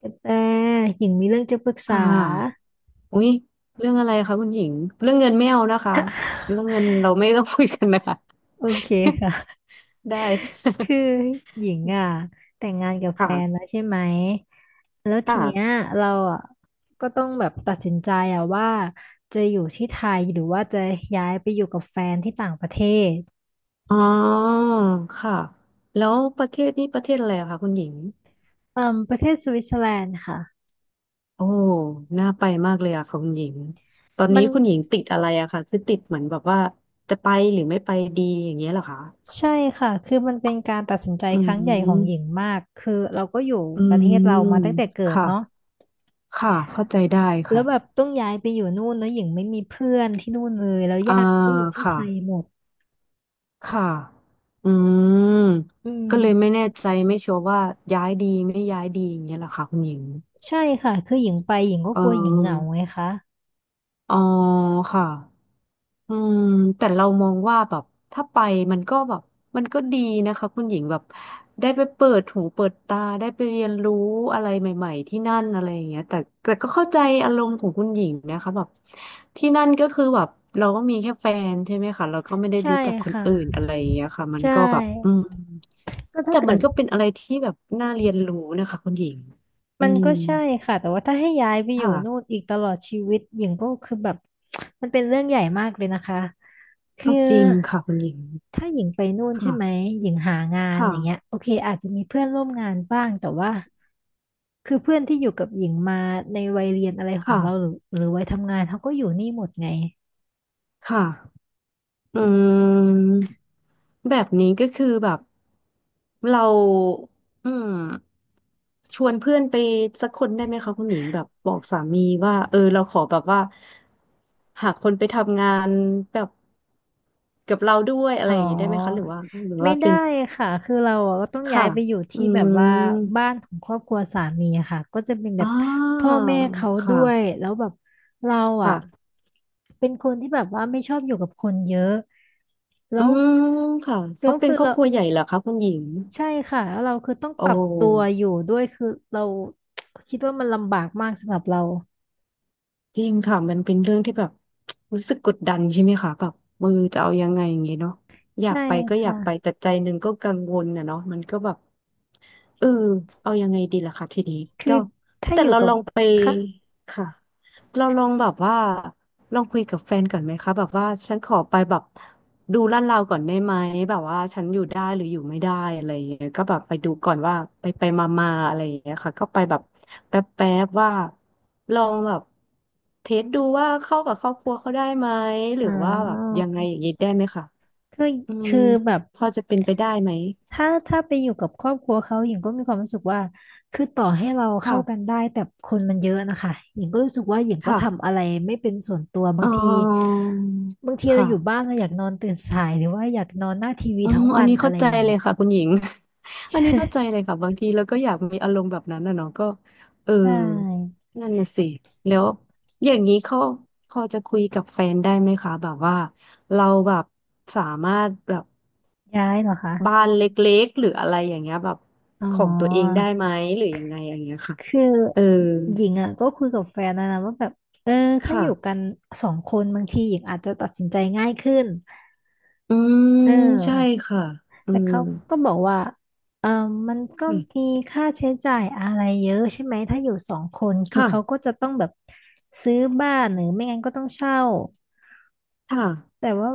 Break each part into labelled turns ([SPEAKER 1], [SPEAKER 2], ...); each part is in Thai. [SPEAKER 1] กระแตหญิงมีเรื่องจะปรึกษา
[SPEAKER 2] ค่ะ อุ๊ยเรื่องอะไรคะคุณหญิง เรื่องเงินไม่เอานะคะ เรื่องเงินเราไม่ต้องคุยกันนะคะ
[SPEAKER 1] โอเคค่ะ
[SPEAKER 2] ได้
[SPEAKER 1] คือหญิงอ่ะแต่งงานกับ แฟนแล้ว
[SPEAKER 2] ค่ะ
[SPEAKER 1] ใช่ไหมแล้วทีเนี้ย
[SPEAKER 2] ค่ะ
[SPEAKER 1] เราอ่ะก็ต้องแบบตัดสินใจอ่ะว่าจะอยู่ที่ไทยหรือว่าจะย้ายไปอยู่กับแฟนที่ต่างประเทศ
[SPEAKER 2] อ๋อค่ะแล้วประเทศนี้ประเทศอะไรอะคะคุณหญิง
[SPEAKER 1] ประเทศสวิตเซอร์แลนด์ค่ะ
[SPEAKER 2] โอ้น่าไปมากเลยอะค่ะคุณหญิงตอน
[SPEAKER 1] มั
[SPEAKER 2] นี้
[SPEAKER 1] น
[SPEAKER 2] คุณหญิงติดอะไรอะคะคือติดเหมือนแบบว่าจะไปหรือไม่ไปดีอย่างเงี้ยเหรอคะ
[SPEAKER 1] ใช่ค่ะคือมันเป็นการตัดสินใจ
[SPEAKER 2] อื
[SPEAKER 1] ครั้งใหญ่ของหญิง
[SPEAKER 2] ม
[SPEAKER 1] มากคือเราก็อยู่
[SPEAKER 2] อื
[SPEAKER 1] ประเท
[SPEAKER 2] ม
[SPEAKER 1] ศเรามาตั้งแต่เกิด
[SPEAKER 2] ค่ะ
[SPEAKER 1] เนาะ
[SPEAKER 2] ค่ะ เข้าใจได้
[SPEAKER 1] แล้
[SPEAKER 2] ค่ะ
[SPEAKER 1] วแบบต้องย้ายไปอยู่นู่นแล้วหญิงไม่มีเพื่อนที่นู่นเลยแล้ว
[SPEAKER 2] อ่า
[SPEAKER 1] ญาติก็อยู่ที่ไท
[SPEAKER 2] ค่ะ
[SPEAKER 1] ยหมด
[SPEAKER 2] ค่ะ อืม
[SPEAKER 1] อืม
[SPEAKER 2] ก็เลยไม่แน่ใจไม่ชัวร์ว่าย้ายดีไม่ย้ายดีอย่างเงี้ยเหรอคะคุณหญิง
[SPEAKER 1] ใช่ค่ะคือหญิงไปหญิงก็
[SPEAKER 2] เ
[SPEAKER 1] กลัวหญิงเหงา
[SPEAKER 2] ออ
[SPEAKER 1] ไงคะ
[SPEAKER 2] อ๋อค่ะอืมแต่เรามองว่าแบบถ้าไปมันก็แบบมันก็ดีนะคะคุณหญิงแบบได้ไปเปิดหูเปิดตาได้ไปเรียนรู้อะไรใหม่ๆที่นั่นอะไรอย่างเงี้ยแต่ก็เข้าใจอารมณ์ของคุณหญิงนะคะแบบที่นั่นก็คือแบบเราก็มีแค่แฟนใช่ไหมคะเราก็ไม่ได้
[SPEAKER 1] ใช่
[SPEAKER 2] รู้จักคน
[SPEAKER 1] ค่ะ
[SPEAKER 2] อื่นอะไรอย่างเงี้ยค่ะมัน
[SPEAKER 1] ใช่
[SPEAKER 2] ก็แบบอืม
[SPEAKER 1] ก็ถ้า
[SPEAKER 2] แต่
[SPEAKER 1] เกิ
[SPEAKER 2] มัน
[SPEAKER 1] ด
[SPEAKER 2] ก็เป็นอะไรที่แบบน่าเรียนรู้นะคะคุณหญิงอื
[SPEAKER 1] มัน
[SPEAKER 2] ม
[SPEAKER 1] ก็ใช่ค่ะแต่ว่าถ้าให้ย้ายไปอยู่นู่น
[SPEAKER 2] ค่ะ
[SPEAKER 1] อีกตลอดชีวิตหญิงก็คือแบบ มันเป็นเรื่องใหญ่มากเลยนะคะคือ
[SPEAKER 2] ก็จริงค่ะคุณหญิง
[SPEAKER 1] ถ้าหญิงไปนู่นใช่ไหม
[SPEAKER 2] ค่ะ
[SPEAKER 1] หญิงหางานอย่างเงี้ย
[SPEAKER 2] ค่ะ
[SPEAKER 1] โอเคอาจจะมีเพื่อนร่วมงานบ้างแต่ว่าคือเพื่อนที่อยู่กับหญิงมาในวัยเรียนอะไรของ
[SPEAKER 2] ค่ะ
[SPEAKER 1] เราหรือวัยทำงานเขาก็อยู่นี่หมดไง
[SPEAKER 2] ค่ะอื
[SPEAKER 1] อืม
[SPEAKER 2] มแบบนี้ก็คือแบบเราอืมชวนเพื่อนไปสักคนได้ไหมคะคุณหญิงแบบบอกสามีว่าเออเราขอแบบว่าหาคนไปทำงานแบบกับเราด้วยอะไร
[SPEAKER 1] อ๋
[SPEAKER 2] อย่างนี้ได้ไหมคะห
[SPEAKER 1] อ
[SPEAKER 2] รือว่าหรือ
[SPEAKER 1] ไม่
[SPEAKER 2] ว่า
[SPEAKER 1] ได้
[SPEAKER 2] เป็น
[SPEAKER 1] ค่ะคือเราอะก็ต้องย้า
[SPEAKER 2] ค่ะ
[SPEAKER 1] ยไปอยู่
[SPEAKER 2] อื
[SPEAKER 1] ที่แบบว่า
[SPEAKER 2] ม
[SPEAKER 1] บ้านของครอบครัวสามีอะค่ะก็จะเป็นแบบ
[SPEAKER 2] อ่า
[SPEAKER 1] พ่อแม่เขา
[SPEAKER 2] ค
[SPEAKER 1] ด้วย
[SPEAKER 2] ่ะ
[SPEAKER 1] แล้วแบบเราอ่ะ
[SPEAKER 2] ค่ะ
[SPEAKER 1] เป็นคนที่แบบว่าไม่ชอบอยู่กับคนเยอะ
[SPEAKER 2] อื
[SPEAKER 1] แล้ว
[SPEAKER 2] มค่ะ
[SPEAKER 1] แล้
[SPEAKER 2] เขา
[SPEAKER 1] ว
[SPEAKER 2] เป็น
[SPEAKER 1] คือ
[SPEAKER 2] ครอบ
[SPEAKER 1] เรา
[SPEAKER 2] ครัวใหญ่เหรอคะคุณหญิง
[SPEAKER 1] ใช่ค่ะแล้วเราคือต้อง
[SPEAKER 2] โอ
[SPEAKER 1] ปรับตัว
[SPEAKER 2] ้
[SPEAKER 1] อยู่ด้วยคือเราคิดว่ามันลำบากมากสำหรับเรา
[SPEAKER 2] จริงค่ะ มันเป็นเรื่องที่แบบรู้สึกกดดันใช่ไหมคะแบบมืออจะเอายังไงอย่างเงี้ยเนาะอยา
[SPEAKER 1] ใช่
[SPEAKER 2] กไปก็
[SPEAKER 1] ค
[SPEAKER 2] อยากไปแต่
[SPEAKER 1] ่ะ
[SPEAKER 2] ใจหนึ่งก็กังวลนะเนาะมันก็แบบเออเอายังไงดีล่ะคะทีนี้
[SPEAKER 1] คือ
[SPEAKER 2] ก็
[SPEAKER 1] ถ้า
[SPEAKER 2] แต่
[SPEAKER 1] อยู่
[SPEAKER 2] เรา
[SPEAKER 1] กับ
[SPEAKER 2] ลองไป
[SPEAKER 1] ค่ะ
[SPEAKER 2] ค่ะ เราลองแบบว่าลองคุยกับแฟนก่อนไหมคะแบบว่าฉันขอไปแบบดูลาดเราก่อนได้ไหมแบบว่าฉันอยู่ได้หรืออยู่ไม่ได้อะไรอย่างเงี้ยก็แบบไปดูก่อนว่าไปไปมามาอะไรอย่างเงี้ยค่ะก็ไปแบบแป๊บแป๊บว่าลองแบบเทสดูว่าเข้ากับครอบครัวเขาได้ไหมหรื
[SPEAKER 1] อ๋
[SPEAKER 2] อว่าแบบ
[SPEAKER 1] อ
[SPEAKER 2] ยังไงอย่างงี้ได้ไหมคะ
[SPEAKER 1] คือ
[SPEAKER 2] อืม
[SPEAKER 1] คือแบบ
[SPEAKER 2] พอจะเป็นไปได้ไหม
[SPEAKER 1] ถ้าไปอยู่กับครอบครัวเขาหญิงก็มีความรู้สึกว่าคือต่อให้เรา
[SPEAKER 2] ค่ะ
[SPEAKER 1] เข้ากันได้แต่คนมันเยอะนะคะหญิงก็รู้สึกว่าหญิงก็
[SPEAKER 2] ค่ะ
[SPEAKER 1] ทำอะไรไม่เป็นส่วนตัวบา
[SPEAKER 2] อ๋
[SPEAKER 1] ง
[SPEAKER 2] อ
[SPEAKER 1] ทีบางทีเรา
[SPEAKER 2] ค่ะ
[SPEAKER 1] อยู่บ้านเราอยากนอนตื่นสายหรือว่าอยากนอนหน้าทีวี
[SPEAKER 2] อ๋อ
[SPEAKER 1] ทั้ง
[SPEAKER 2] อั
[SPEAKER 1] วั
[SPEAKER 2] น
[SPEAKER 1] น
[SPEAKER 2] นี้
[SPEAKER 1] อะ
[SPEAKER 2] เข้า
[SPEAKER 1] ไร
[SPEAKER 2] ใจ
[SPEAKER 1] อย่าง
[SPEAKER 2] เล
[SPEAKER 1] เงี้
[SPEAKER 2] ย
[SPEAKER 1] ย
[SPEAKER 2] ค่ะคุณหญิง อันนี้
[SPEAKER 1] ใช่
[SPEAKER 2] เข้าใจเลยค่ะบางทีเราก็อยากมีอารมณ์แบบนั้นนะเนาะก็เออ
[SPEAKER 1] ใช่
[SPEAKER 2] นั่นน่ะสิแล้วอย่างนี้เขาพอจะคุยกับแฟนได้ไหมคะแบบว่าเราแบบสามารถแบบ
[SPEAKER 1] ย้ายเหรอคะ
[SPEAKER 2] บ้านเล็กๆหรืออะไรอย่างเงี้ยแบบ
[SPEAKER 1] อ๋อ
[SPEAKER 2] ของตัวเองได้ไหมหรือยังไงอย่างเงี้ยค่ะ
[SPEAKER 1] คือ
[SPEAKER 2] เออ
[SPEAKER 1] หญิงอ่ะก็คุยกับแฟนนะว่าแบบเออถ้าอยู่กั
[SPEAKER 2] ค่ะ
[SPEAKER 1] นสองคนบางทีหญิงอาจจะตัดสินใจง่ายขึ้น
[SPEAKER 2] อืม
[SPEAKER 1] เอ
[SPEAKER 2] ใช่
[SPEAKER 1] อ
[SPEAKER 2] ค่ะอื
[SPEAKER 1] แต่
[SPEAKER 2] ม
[SPEAKER 1] เขาก็บอกว่าเออมันก็มีค่าใช้จ่ายอะไรเยอะใช่ไหม ถ้าอยู่สองคน คือ
[SPEAKER 2] ค่ะ
[SPEAKER 1] เขาก็จะต้องแบบซื้อบ้านหรือไม่งั้นก็ต้องเช่า
[SPEAKER 2] ค่ะ
[SPEAKER 1] แต่ว่า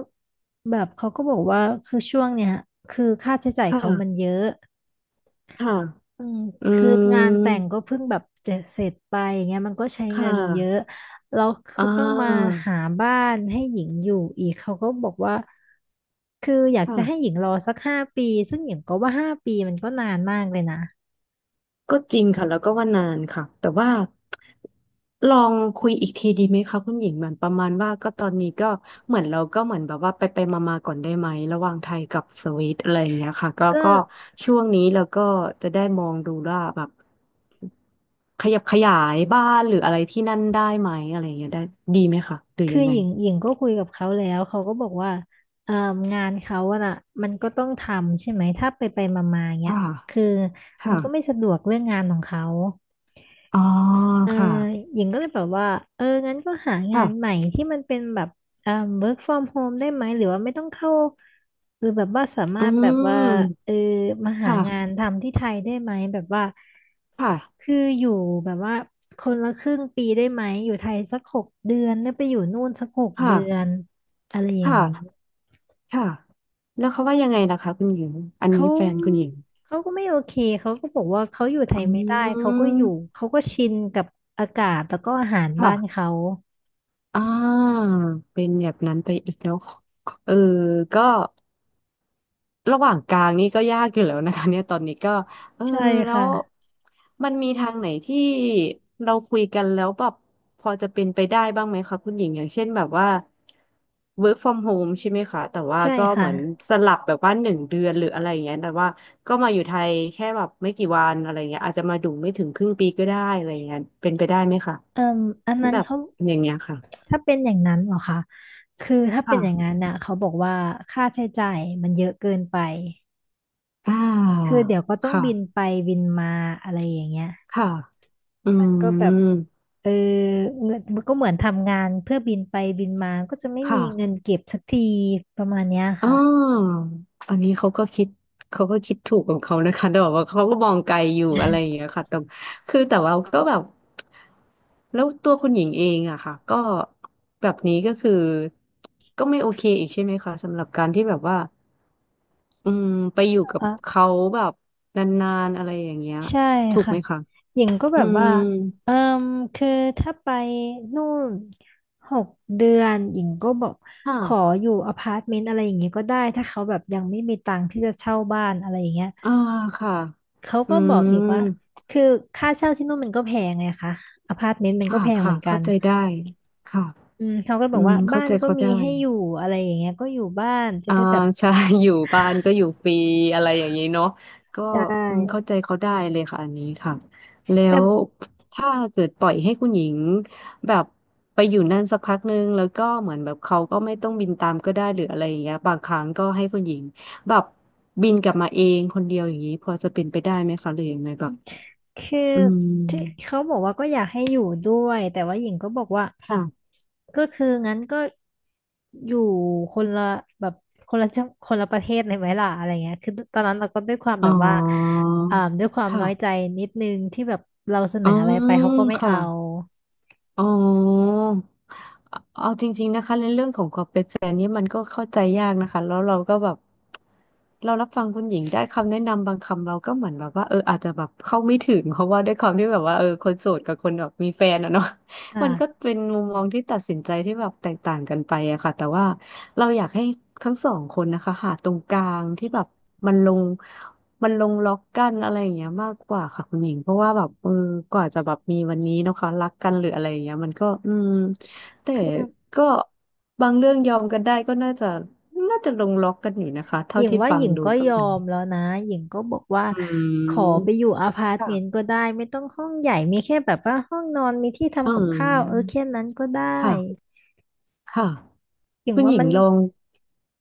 [SPEAKER 1] แบบเขาก็บอกว่าคือช่วงเนี้ยคือค่าใช้จ่ายเขามัน
[SPEAKER 2] ค่ะ
[SPEAKER 1] เยอะ
[SPEAKER 2] ค่ะ
[SPEAKER 1] อืม
[SPEAKER 2] อื
[SPEAKER 1] คืองานแต่ง
[SPEAKER 2] ม
[SPEAKER 1] ก็เพิ่งแบบเจะเสร็จไปอย่างเงี้ยมันก็ใช้
[SPEAKER 2] ค่ะ
[SPEAKER 1] เงินเยอะแล้วคื
[SPEAKER 2] อ่
[SPEAKER 1] อต้องมา
[SPEAKER 2] า
[SPEAKER 1] หาบ้านให้หญิงอยู่อีกเขาก็บอกว่าคืออยากจะให้ห
[SPEAKER 2] ค่ะ
[SPEAKER 1] ญิงรอสักห้าปีซึ่งหญิงก็ว่าห้าปีมันก็นานมากเลยนะ
[SPEAKER 2] ก็จริงค่ะแล้วก็ว่านานค่ะแต่ว่าลองคุยอีกทีดีไหมคะคุณหญิงเหมือนประมาณว่าก็ตอนนี้ก็เหมือนเราก็เหมือนแบบว่าไปไปมามาๆก่อนได้ไหมระหว่างไทยกับสวิตอะไรอย่างเงี้ยค่ะก็
[SPEAKER 1] ก็
[SPEAKER 2] ก็ช่วงนี้เราก็จะได้มองดูว่าแบบขยับขยายบ้านหรืออะไรที่นั่นได้ไหมอะไรอย่างเงี้ยได้ดีไหมคะหรือ
[SPEAKER 1] คื
[SPEAKER 2] ยั
[SPEAKER 1] อ
[SPEAKER 2] งไง
[SPEAKER 1] หญิงก็คุยกับเขาแล้วเขาก็บอกว่าเอ่องานเขาอะน่ะมันก็ต้องทำใช่ไหมถ้าไปไปมามาๆเงี้ย
[SPEAKER 2] ค่ะ
[SPEAKER 1] คือมันก็ไม่
[SPEAKER 2] ค่ะ
[SPEAKER 1] สะดวกเรื่องงานของเขา
[SPEAKER 2] อ๋อ
[SPEAKER 1] เออ
[SPEAKER 2] ค่ะ
[SPEAKER 1] หญิงก็เลยแบบว่าเอองั้นก็หางา
[SPEAKER 2] ค่ะ
[SPEAKER 1] นใหม่ที่มันเป็นแบบเอ่อ work from home ได้ไหมหรือว่าไม่ต้องเข้าหรือแบบว่าสามา
[SPEAKER 2] อื
[SPEAKER 1] รถแบบว่า
[SPEAKER 2] ม
[SPEAKER 1] เออมาหางาน
[SPEAKER 2] ค่ะ
[SPEAKER 1] ทำที่ไทยได้ไหมแบบว่า
[SPEAKER 2] ค่ะ
[SPEAKER 1] คืออยู่แบบว่าคนละครึ่งปีได้ไหมอยู่ไทยสักหกเดือนแล้วไปอยู่นู่นสักหก
[SPEAKER 2] ค่ะ
[SPEAKER 1] เดือนอะไรอ
[SPEAKER 2] ค
[SPEAKER 1] ย่างนี้
[SPEAKER 2] ่ะ ค่ะ แล้วเขาว่ายังไงล่ะคะคุณหญิงอัน
[SPEAKER 1] เขา
[SPEAKER 2] นี้แฟนคุณหญิง
[SPEAKER 1] เขาก็ไม่โอเคเขาก็บอกว่าเขาอยู่ไท
[SPEAKER 2] อื
[SPEAKER 1] ยไม่ได้เขาก็อยู่
[SPEAKER 2] ม
[SPEAKER 1] เขาก็ชินกับอากาศแล้วก็อาหารบ้า
[SPEAKER 2] ค่ะ
[SPEAKER 1] นเขา
[SPEAKER 2] อ่า เป็นแบบนั้นไปอีกแล้วเออก็ ระหว่างกลางนี่ก็ยากอยู่แล้วนะคะเนี่ยตอนนี้ก็เออ
[SPEAKER 1] ใช่
[SPEAKER 2] แล้
[SPEAKER 1] ค่ะ
[SPEAKER 2] วมันมีทางไหนที่เราคุยกันแล้วแบบพอจะเป็นไปได้บ้างไหมคะคุณหญิงอย่างเช่นแบบว่า work from home ใช่ไหมคะแต่ว่า
[SPEAKER 1] ใช่
[SPEAKER 2] ก็เห
[SPEAKER 1] ค่ะ
[SPEAKER 2] มือนสลับแบบว่า1 เดือนหรืออะไรอย่างเงี้ยแต่ว่าก็มาอยู่ไทยแค่แบบไม่กี่วันอะไรเงี้ยอาจจะมาดูไม่ถึงครึ่งปีก็ได้อะไรเงี้ยเป็นไปได้ไหมคะ
[SPEAKER 1] เอ่มอันนั้น
[SPEAKER 2] แบบ
[SPEAKER 1] เขา
[SPEAKER 2] อย่างเงี้ยค่ะ
[SPEAKER 1] ถ้าเป็นอย่างนั้นเหรอคะคือถ้าเป็นอย่างนั้
[SPEAKER 2] ค่ะ
[SPEAKER 1] นน่ะเขาบอกว่าค่าใช้จ่ายมันเยอะเกินไป
[SPEAKER 2] อ่า
[SPEAKER 1] คือเดี๋ยวก็ต้อง
[SPEAKER 2] ค่ะ
[SPEAKER 1] บินไปบินมาอะไรอย่างเงี้ย
[SPEAKER 2] ค่ะอื
[SPEAKER 1] มันก็แบบ
[SPEAKER 2] ม
[SPEAKER 1] เออเงินมันก็เหมือนทำงานเพื่อบินไปบินมาก็จะไม่มี
[SPEAKER 2] ค่ะ
[SPEAKER 1] เงินเก็บสักทีประมาณเนี้ย
[SPEAKER 2] อ๋อ
[SPEAKER 1] ค่ะ
[SPEAKER 2] อันนี้เขาก็คิดถูกของเขานะคะแต่แบบว่าเขาก็มองไกลอยู่อะไรอย่างเงี้ยค่ะแต่คือแต่ว่าก็แบบแล้วตัวคุณหญิงเองอะค่ะก็แบบนี้ก็คือก็ไม่โอเคอีกใช่ไหมคะสำหรับการที่แบบว่าอืมไปอยู่กับเขาแบบนานๆอะไรอย่างเงี้ย
[SPEAKER 1] ใช่
[SPEAKER 2] ถูก
[SPEAKER 1] ค่ะ
[SPEAKER 2] ไหมคะ
[SPEAKER 1] หญิงก็แบ
[SPEAKER 2] อื
[SPEAKER 1] บ
[SPEAKER 2] ม
[SPEAKER 1] ว่าเอ่มคือถ้าไปนู่นหกเดือนหญิงก็บอกขอ
[SPEAKER 2] ค่ะ
[SPEAKER 1] อยู่อพาร์ตเมนต์อะไรอย่างเงี้ยก็ได้ถ้าเขาแบบยังไม่มีตังค์ที่จะเช่าบ้านอะไรอย่างเงี้ย
[SPEAKER 2] อ่าค่ะ
[SPEAKER 1] เขา
[SPEAKER 2] อื
[SPEAKER 1] ก็บอกอีก
[SPEAKER 2] ม
[SPEAKER 1] ว่าคือค่าเช่าที่นู่นมันก็แพงไงคะอพาร์ตเมนต์มันก็
[SPEAKER 2] ค่ะ
[SPEAKER 1] แพงเห
[SPEAKER 2] ค่ะ
[SPEAKER 1] มือนกั
[SPEAKER 2] เข้า
[SPEAKER 1] น
[SPEAKER 2] ใจได้ค่ะ
[SPEAKER 1] อืมเขาก็บ
[SPEAKER 2] อื
[SPEAKER 1] อก
[SPEAKER 2] ม
[SPEAKER 1] ว่า
[SPEAKER 2] เข้า
[SPEAKER 1] บ้าน
[SPEAKER 2] ใจ
[SPEAKER 1] ก็
[SPEAKER 2] เขา
[SPEAKER 1] มี
[SPEAKER 2] ได้
[SPEAKER 1] ให้อยู่อะไรอย่างเงี้ยก็อยู่บ้านจะ
[SPEAKER 2] อ่า
[SPEAKER 1] ได้แบบ
[SPEAKER 2] ใช่ อยู่บ้านก็อยู่ฟรีอะไรอย่างนี้เนาะก็
[SPEAKER 1] ใช่
[SPEAKER 2] เข้าใจเขาได้เลยค่ะอันนี้ค่ะแล้
[SPEAKER 1] แต่
[SPEAKER 2] วถ้าเกิดปล่อยให้คุณหญิงแบบไปอยู่นั่นสักพักนึงแล้วก็เหมือนแบบเขาก็ไม่ต้องบินตามก็ได้หรืออะไรอย่างเงี้ยบางครั้งก็ให้คุณหญิงแบบบินกลับมาเองคนเดียวอย่างนี้พอจะเป็นไปได้ไหมคะหรือยังไงแบบ
[SPEAKER 1] คือ
[SPEAKER 2] อื
[SPEAKER 1] ที่
[SPEAKER 2] ม
[SPEAKER 1] เขาบอกว่าก็อยากให้อยู่ด้วยแต่ว่าหญิงก็บอกว่า
[SPEAKER 2] ค่ะ
[SPEAKER 1] ก็คืองั้นก็อยู่คนละแบบคนละจังคนละประเทศเลยไหมล่ะอะไรเงี้ยคือตอนนั้นเราก็ด้วยความ
[SPEAKER 2] อ๋
[SPEAKER 1] แบ
[SPEAKER 2] อ
[SPEAKER 1] บว่าด้วยความน้อยใจ
[SPEAKER 2] ค่ะ
[SPEAKER 1] นิดนึงที่แบบเราเสน
[SPEAKER 2] อ๋
[SPEAKER 1] อ
[SPEAKER 2] อ
[SPEAKER 1] อะไรไปเขาก็ไม่
[SPEAKER 2] ค่ะ
[SPEAKER 1] เอา
[SPEAKER 2] อ๋อเอาจริงๆนะคะในเรื่องของความเป็นแฟนนี่มันก็เข้าใจยากนะคะแล้วเราก็แบบเรารับฟังคุณหญิงได้คำแนะนำบางคำเราก็เหมือนแบบว่าอาจจะแบบเข้าไม่ถึงเพราะว่าด้วยความที่แบบว่าคนโสดกับคนแบบมีแฟนอะเนาะ มันก็
[SPEAKER 1] อ่า
[SPEAKER 2] เป็นมุมมองที่ตัดสินใจที่แบบแตกต่างกันไปอะค่ะแต่ว่าเราอยากให้ทั้งสองคนนะคะหาตรงกลางที่แบบมันลง มันลงล็อกกันอะไรอย่างเงี้ยมากกว่าค่ะคุณหญิงเพราะว่าแบบกว่าจะแบบมีวันนี้เนอะคะรักกันหรืออะไรอย่างเงี้ยมันก็แต่
[SPEAKER 1] คือ
[SPEAKER 2] ก็บางเรื่องยอมกันได้ก็น่าจะลงล็อกกันอยู่นะคะ
[SPEAKER 1] ห
[SPEAKER 2] เท่า
[SPEAKER 1] ญิง
[SPEAKER 2] ที่
[SPEAKER 1] ว่า
[SPEAKER 2] ฟั
[SPEAKER 1] ห
[SPEAKER 2] ง
[SPEAKER 1] ญิง
[SPEAKER 2] ดู
[SPEAKER 1] ก็
[SPEAKER 2] กับ
[SPEAKER 1] ยอ
[SPEAKER 2] มัน
[SPEAKER 1] ม
[SPEAKER 2] นี้
[SPEAKER 1] แล้วนะหญิงก็บอกว่า
[SPEAKER 2] อื
[SPEAKER 1] ขอไป
[SPEAKER 2] ม
[SPEAKER 1] อยู่อพาร์ตเม
[SPEAKER 2] ค่ะ
[SPEAKER 1] นต์ก็ได้ไม่ต้องห้องใหญ่มีแค่แบบว่าห้องนอนมีที่
[SPEAKER 2] อื
[SPEAKER 1] ทำกับข้าวเออแค่
[SPEAKER 2] ม
[SPEAKER 1] นั้นก็ได้
[SPEAKER 2] ค่ะค่ะ
[SPEAKER 1] หญิง
[SPEAKER 2] คุณ
[SPEAKER 1] ว่า
[SPEAKER 2] หญิ
[SPEAKER 1] มั
[SPEAKER 2] ง
[SPEAKER 1] น
[SPEAKER 2] ลอง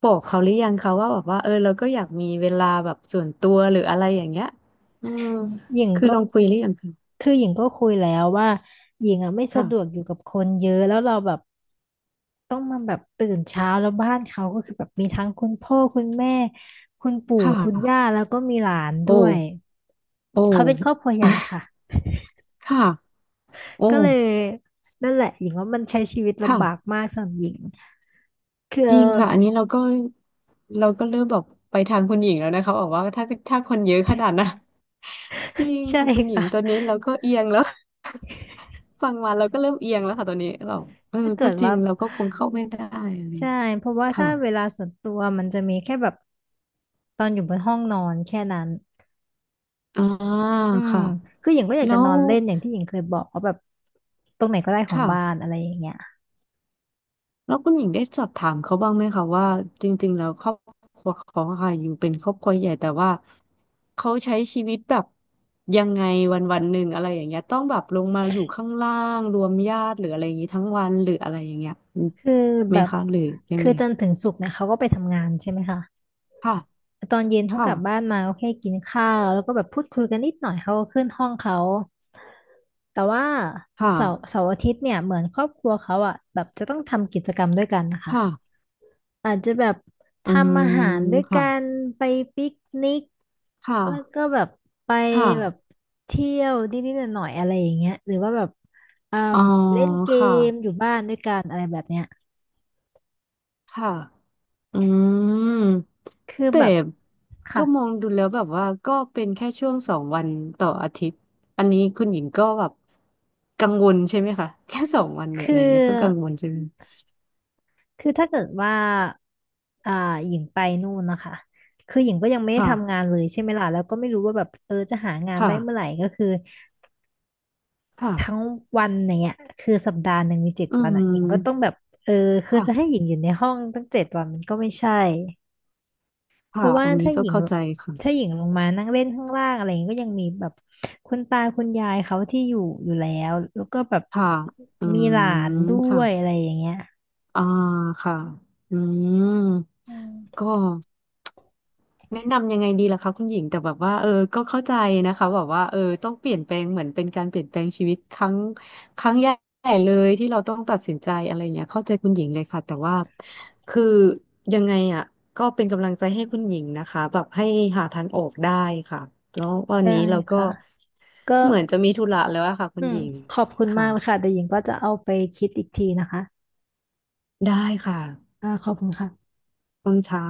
[SPEAKER 2] บอกเขาหรือยังคะว่าแบบว่าเราก็อยากมีเวลาแบบส่วนตัวหรืออะไรอย่างเงี้ยอืม
[SPEAKER 1] หญิง
[SPEAKER 2] คือ
[SPEAKER 1] ก็
[SPEAKER 2] ลองคุยหรือยังคะ
[SPEAKER 1] คือหญิงก็คุยแล้วว่าหญิงอ่ะไม่สะดวกอ
[SPEAKER 2] ค่ะ
[SPEAKER 1] ยู่กับคนเยอะแล้วเราแบบต้องมาแบบตื่นเช้าแล้วบ้านเขาก็คือแบบมีทั้งคุณพ่อคุณแม่คุณปู่
[SPEAKER 2] ค่
[SPEAKER 1] คุณย่า
[SPEAKER 2] ะ
[SPEAKER 1] แล้วก็มีหลานด้วย
[SPEAKER 2] โอ้ โอ้
[SPEAKER 1] เขาเป็นครอบครัวให
[SPEAKER 2] อ่ะ
[SPEAKER 1] ญ่ค่ะ
[SPEAKER 2] ค่ะโอ้
[SPEAKER 1] ก็เลยนั่นแหละหญิงว่ามันใช้ชีวิต
[SPEAKER 2] ค่ะ
[SPEAKER 1] ลำบากมากสำหรับหญิงคือ
[SPEAKER 2] จริงค่ะ อันนี้เราก็เริ่มแบบไปทางคุณหญิงแล้วนะคะบอกว่าถ้าคนเยอะขนาดนั้น จริง
[SPEAKER 1] ใช่
[SPEAKER 2] ค่ะคุณหญิ
[SPEAKER 1] ค่ะ
[SPEAKER 2] งตอนนี้เราก็เอียงแล้ว ฟังมาเราก็เริ่มเอียงแล้วค่ะตอนนี้เรา
[SPEAKER 1] ถ้าเกิ
[SPEAKER 2] ก็
[SPEAKER 1] ด
[SPEAKER 2] จริ
[SPEAKER 1] ว่า
[SPEAKER 2] งเราก็คงเข้าไม่ได้อะไร
[SPEAKER 1] ใช่เพราะว่า
[SPEAKER 2] ค่ะ
[SPEAKER 1] ถ้าเวลาส่วนตัวมันจะมีแค่แบบตอนอยู่บนห้องนอนแค่นั้น
[SPEAKER 2] อ่า
[SPEAKER 1] อืม
[SPEAKER 2] ค่ะ
[SPEAKER 1] คือหญิงก็อยาก
[SPEAKER 2] แล้
[SPEAKER 1] จะน
[SPEAKER 2] ว
[SPEAKER 1] อนเล่นอย่างที่หญิงเคยบอกว่าแบบตรงไหนก็ได้ของ
[SPEAKER 2] ค่ะ
[SPEAKER 1] บ้านอะไรอย่างเงี้ย
[SPEAKER 2] แล้วคุณหญิงได้สอบถามเขาบ้างไหมคะว่าจริงๆแล้วครอบครัวเขาอะค่ะอยู่เป็นครอบครัวใหญ่แต่ว่าเขาใช้ชีวิตแบบยังไงวันวันหนึ่งอะไรอย่างเงี้ยต้องแบบลงมาอยู่ข้างล่างรวมญาติหรืออะไรอย่างงี้ทั้งวันหรืออะไรอย่างเงี้ย
[SPEAKER 1] คือ
[SPEAKER 2] ไหม
[SPEAKER 1] แบบ
[SPEAKER 2] คะหรือยัง
[SPEAKER 1] คื
[SPEAKER 2] ไง
[SPEAKER 1] อจันทร์ถึงศุกร์เนี่ยเขาก็ไปทำงานใช่ไหมคะ
[SPEAKER 2] ค่ะ
[SPEAKER 1] ตอนเย็นเขา
[SPEAKER 2] ค่ะ
[SPEAKER 1] กลับบ้านมาก็แค่กินข้าวแล้วก็แบบพูดคุยกันนิดหน่อยเขาก็ขึ้นห้องเขาแต่ว่า
[SPEAKER 2] ค่ะ
[SPEAKER 1] เสาร์อาทิตย์เนี่ยเหมือนครอบครัวเขาอ่ะแบบจะต้องทำกิจกรรมด้วยกันนะคะ
[SPEAKER 2] ค่ะ
[SPEAKER 1] อาจจะแบบ
[SPEAKER 2] อื
[SPEAKER 1] ทำ
[SPEAKER 2] ม
[SPEAKER 1] อาหารด้วย
[SPEAKER 2] ค่ะ
[SPEAKER 1] กันไปปิกนิก
[SPEAKER 2] ค่ะ
[SPEAKER 1] แล้วก็แบบไป
[SPEAKER 2] ค่ะ
[SPEAKER 1] แบบเที่ยวนิดๆหน่อยๆอะไรอย่างเงี้ยหรือว่าแบบเอ่
[SPEAKER 2] อ๋อ
[SPEAKER 1] มเล่นเก
[SPEAKER 2] ค่ะ
[SPEAKER 1] มอยู่บ้านด้วยกันอะไรแบบเนี้ย
[SPEAKER 2] ค่ะ อืม
[SPEAKER 1] คือ
[SPEAKER 2] แต่
[SPEAKER 1] แบบค่ะ
[SPEAKER 2] ก็มองดูแล้วแบบว่าก็เป็นแค่ช่วงสองวันต่ออาทิตย์อันนี้คุณหญิงก็แบบกังวลใช่ไหมคะแค่สองวันเนี่ย
[SPEAKER 1] คื
[SPEAKER 2] อะไรเงี้ยก็กัง
[SPEAKER 1] อ
[SPEAKER 2] วลใช่ไหม
[SPEAKER 1] คือถ้าเกิดว่าอ่าหญิงไปนู่นนะคะคือหญิงก็ยังไม่ได้
[SPEAKER 2] ค่ะ
[SPEAKER 1] ทำงานเลยใช่ไหมล่ะแล้วก็ไม่รู้ว่าแบบเออจะหางาน
[SPEAKER 2] ค่ะ
[SPEAKER 1] ได้เมื่อไหร่ก็คือ
[SPEAKER 2] ค่ะ
[SPEAKER 1] ทั้งวันอย่างเงี้ยคือสัปดาห์หนึ่งมีเจ็ด
[SPEAKER 2] อื
[SPEAKER 1] วัน
[SPEAKER 2] ม
[SPEAKER 1] อ่ะหญิงก็ต้องแบบเออคือจะให้
[SPEAKER 2] ค่ะ
[SPEAKER 1] หญิงอยู่ในห้องตั้งเจ็ดวันมันก็ไม่ใช่เพ
[SPEAKER 2] ค่ะ
[SPEAKER 1] ราะว่า
[SPEAKER 2] อันนี้
[SPEAKER 1] ถ้า
[SPEAKER 2] ก็
[SPEAKER 1] หญิง
[SPEAKER 2] เข้าใจ
[SPEAKER 1] ถ้า
[SPEAKER 2] ค่ะ
[SPEAKER 1] หญิงลงมานั่งเล่นข้างล่างอะไรอย่างเงี้ยก็ยังมีแบบคุณตาคุณยายเขาที่อยู่อยู่แล้วแล้วก็แบบ
[SPEAKER 2] ค่ะอื
[SPEAKER 1] มีหลาน
[SPEAKER 2] ม
[SPEAKER 1] ด้
[SPEAKER 2] ค่ะ
[SPEAKER 1] วยอะไรอย่างเงี้ย
[SPEAKER 2] อ่าค่ะอืม
[SPEAKER 1] อืม
[SPEAKER 2] ก็ แนะนำยังไงดีล่ะคะคุณหญิงแต่แบบว่าก็เข้าใจนะคะแบบว่าต้องเปลี่ยนแปลงเหมือนเป็นการเปลี่ยนแปลงชีวิตครั้งใหญ่เลยที่เราต้องตัดสินใจอะไรเงี้ยเข้าใจคุณหญิงเลยค่ะแต่ว่าคือยังไงอ่ะก็เป็นกำลังใจให้คุณหญิงนะคะแบบให้หาทางออกได้ค่ะแล้ววัน
[SPEAKER 1] ได้
[SPEAKER 2] นี้เราก็
[SPEAKER 1] ค่ะก็
[SPEAKER 2] เหมือนจะมีธุระแล้วอะค่ะคุ
[SPEAKER 1] อื
[SPEAKER 2] ณห
[SPEAKER 1] ม
[SPEAKER 2] ญิง
[SPEAKER 1] ขอบคุณมา
[SPEAKER 2] ค่ะ
[SPEAKER 1] กเลยค่ะแต่หญิงก็จะเอาไปคิดอีกทีนะคะ
[SPEAKER 2] ได้ค่ะ
[SPEAKER 1] อ่าขอบคุณค่ะ
[SPEAKER 2] คุณชา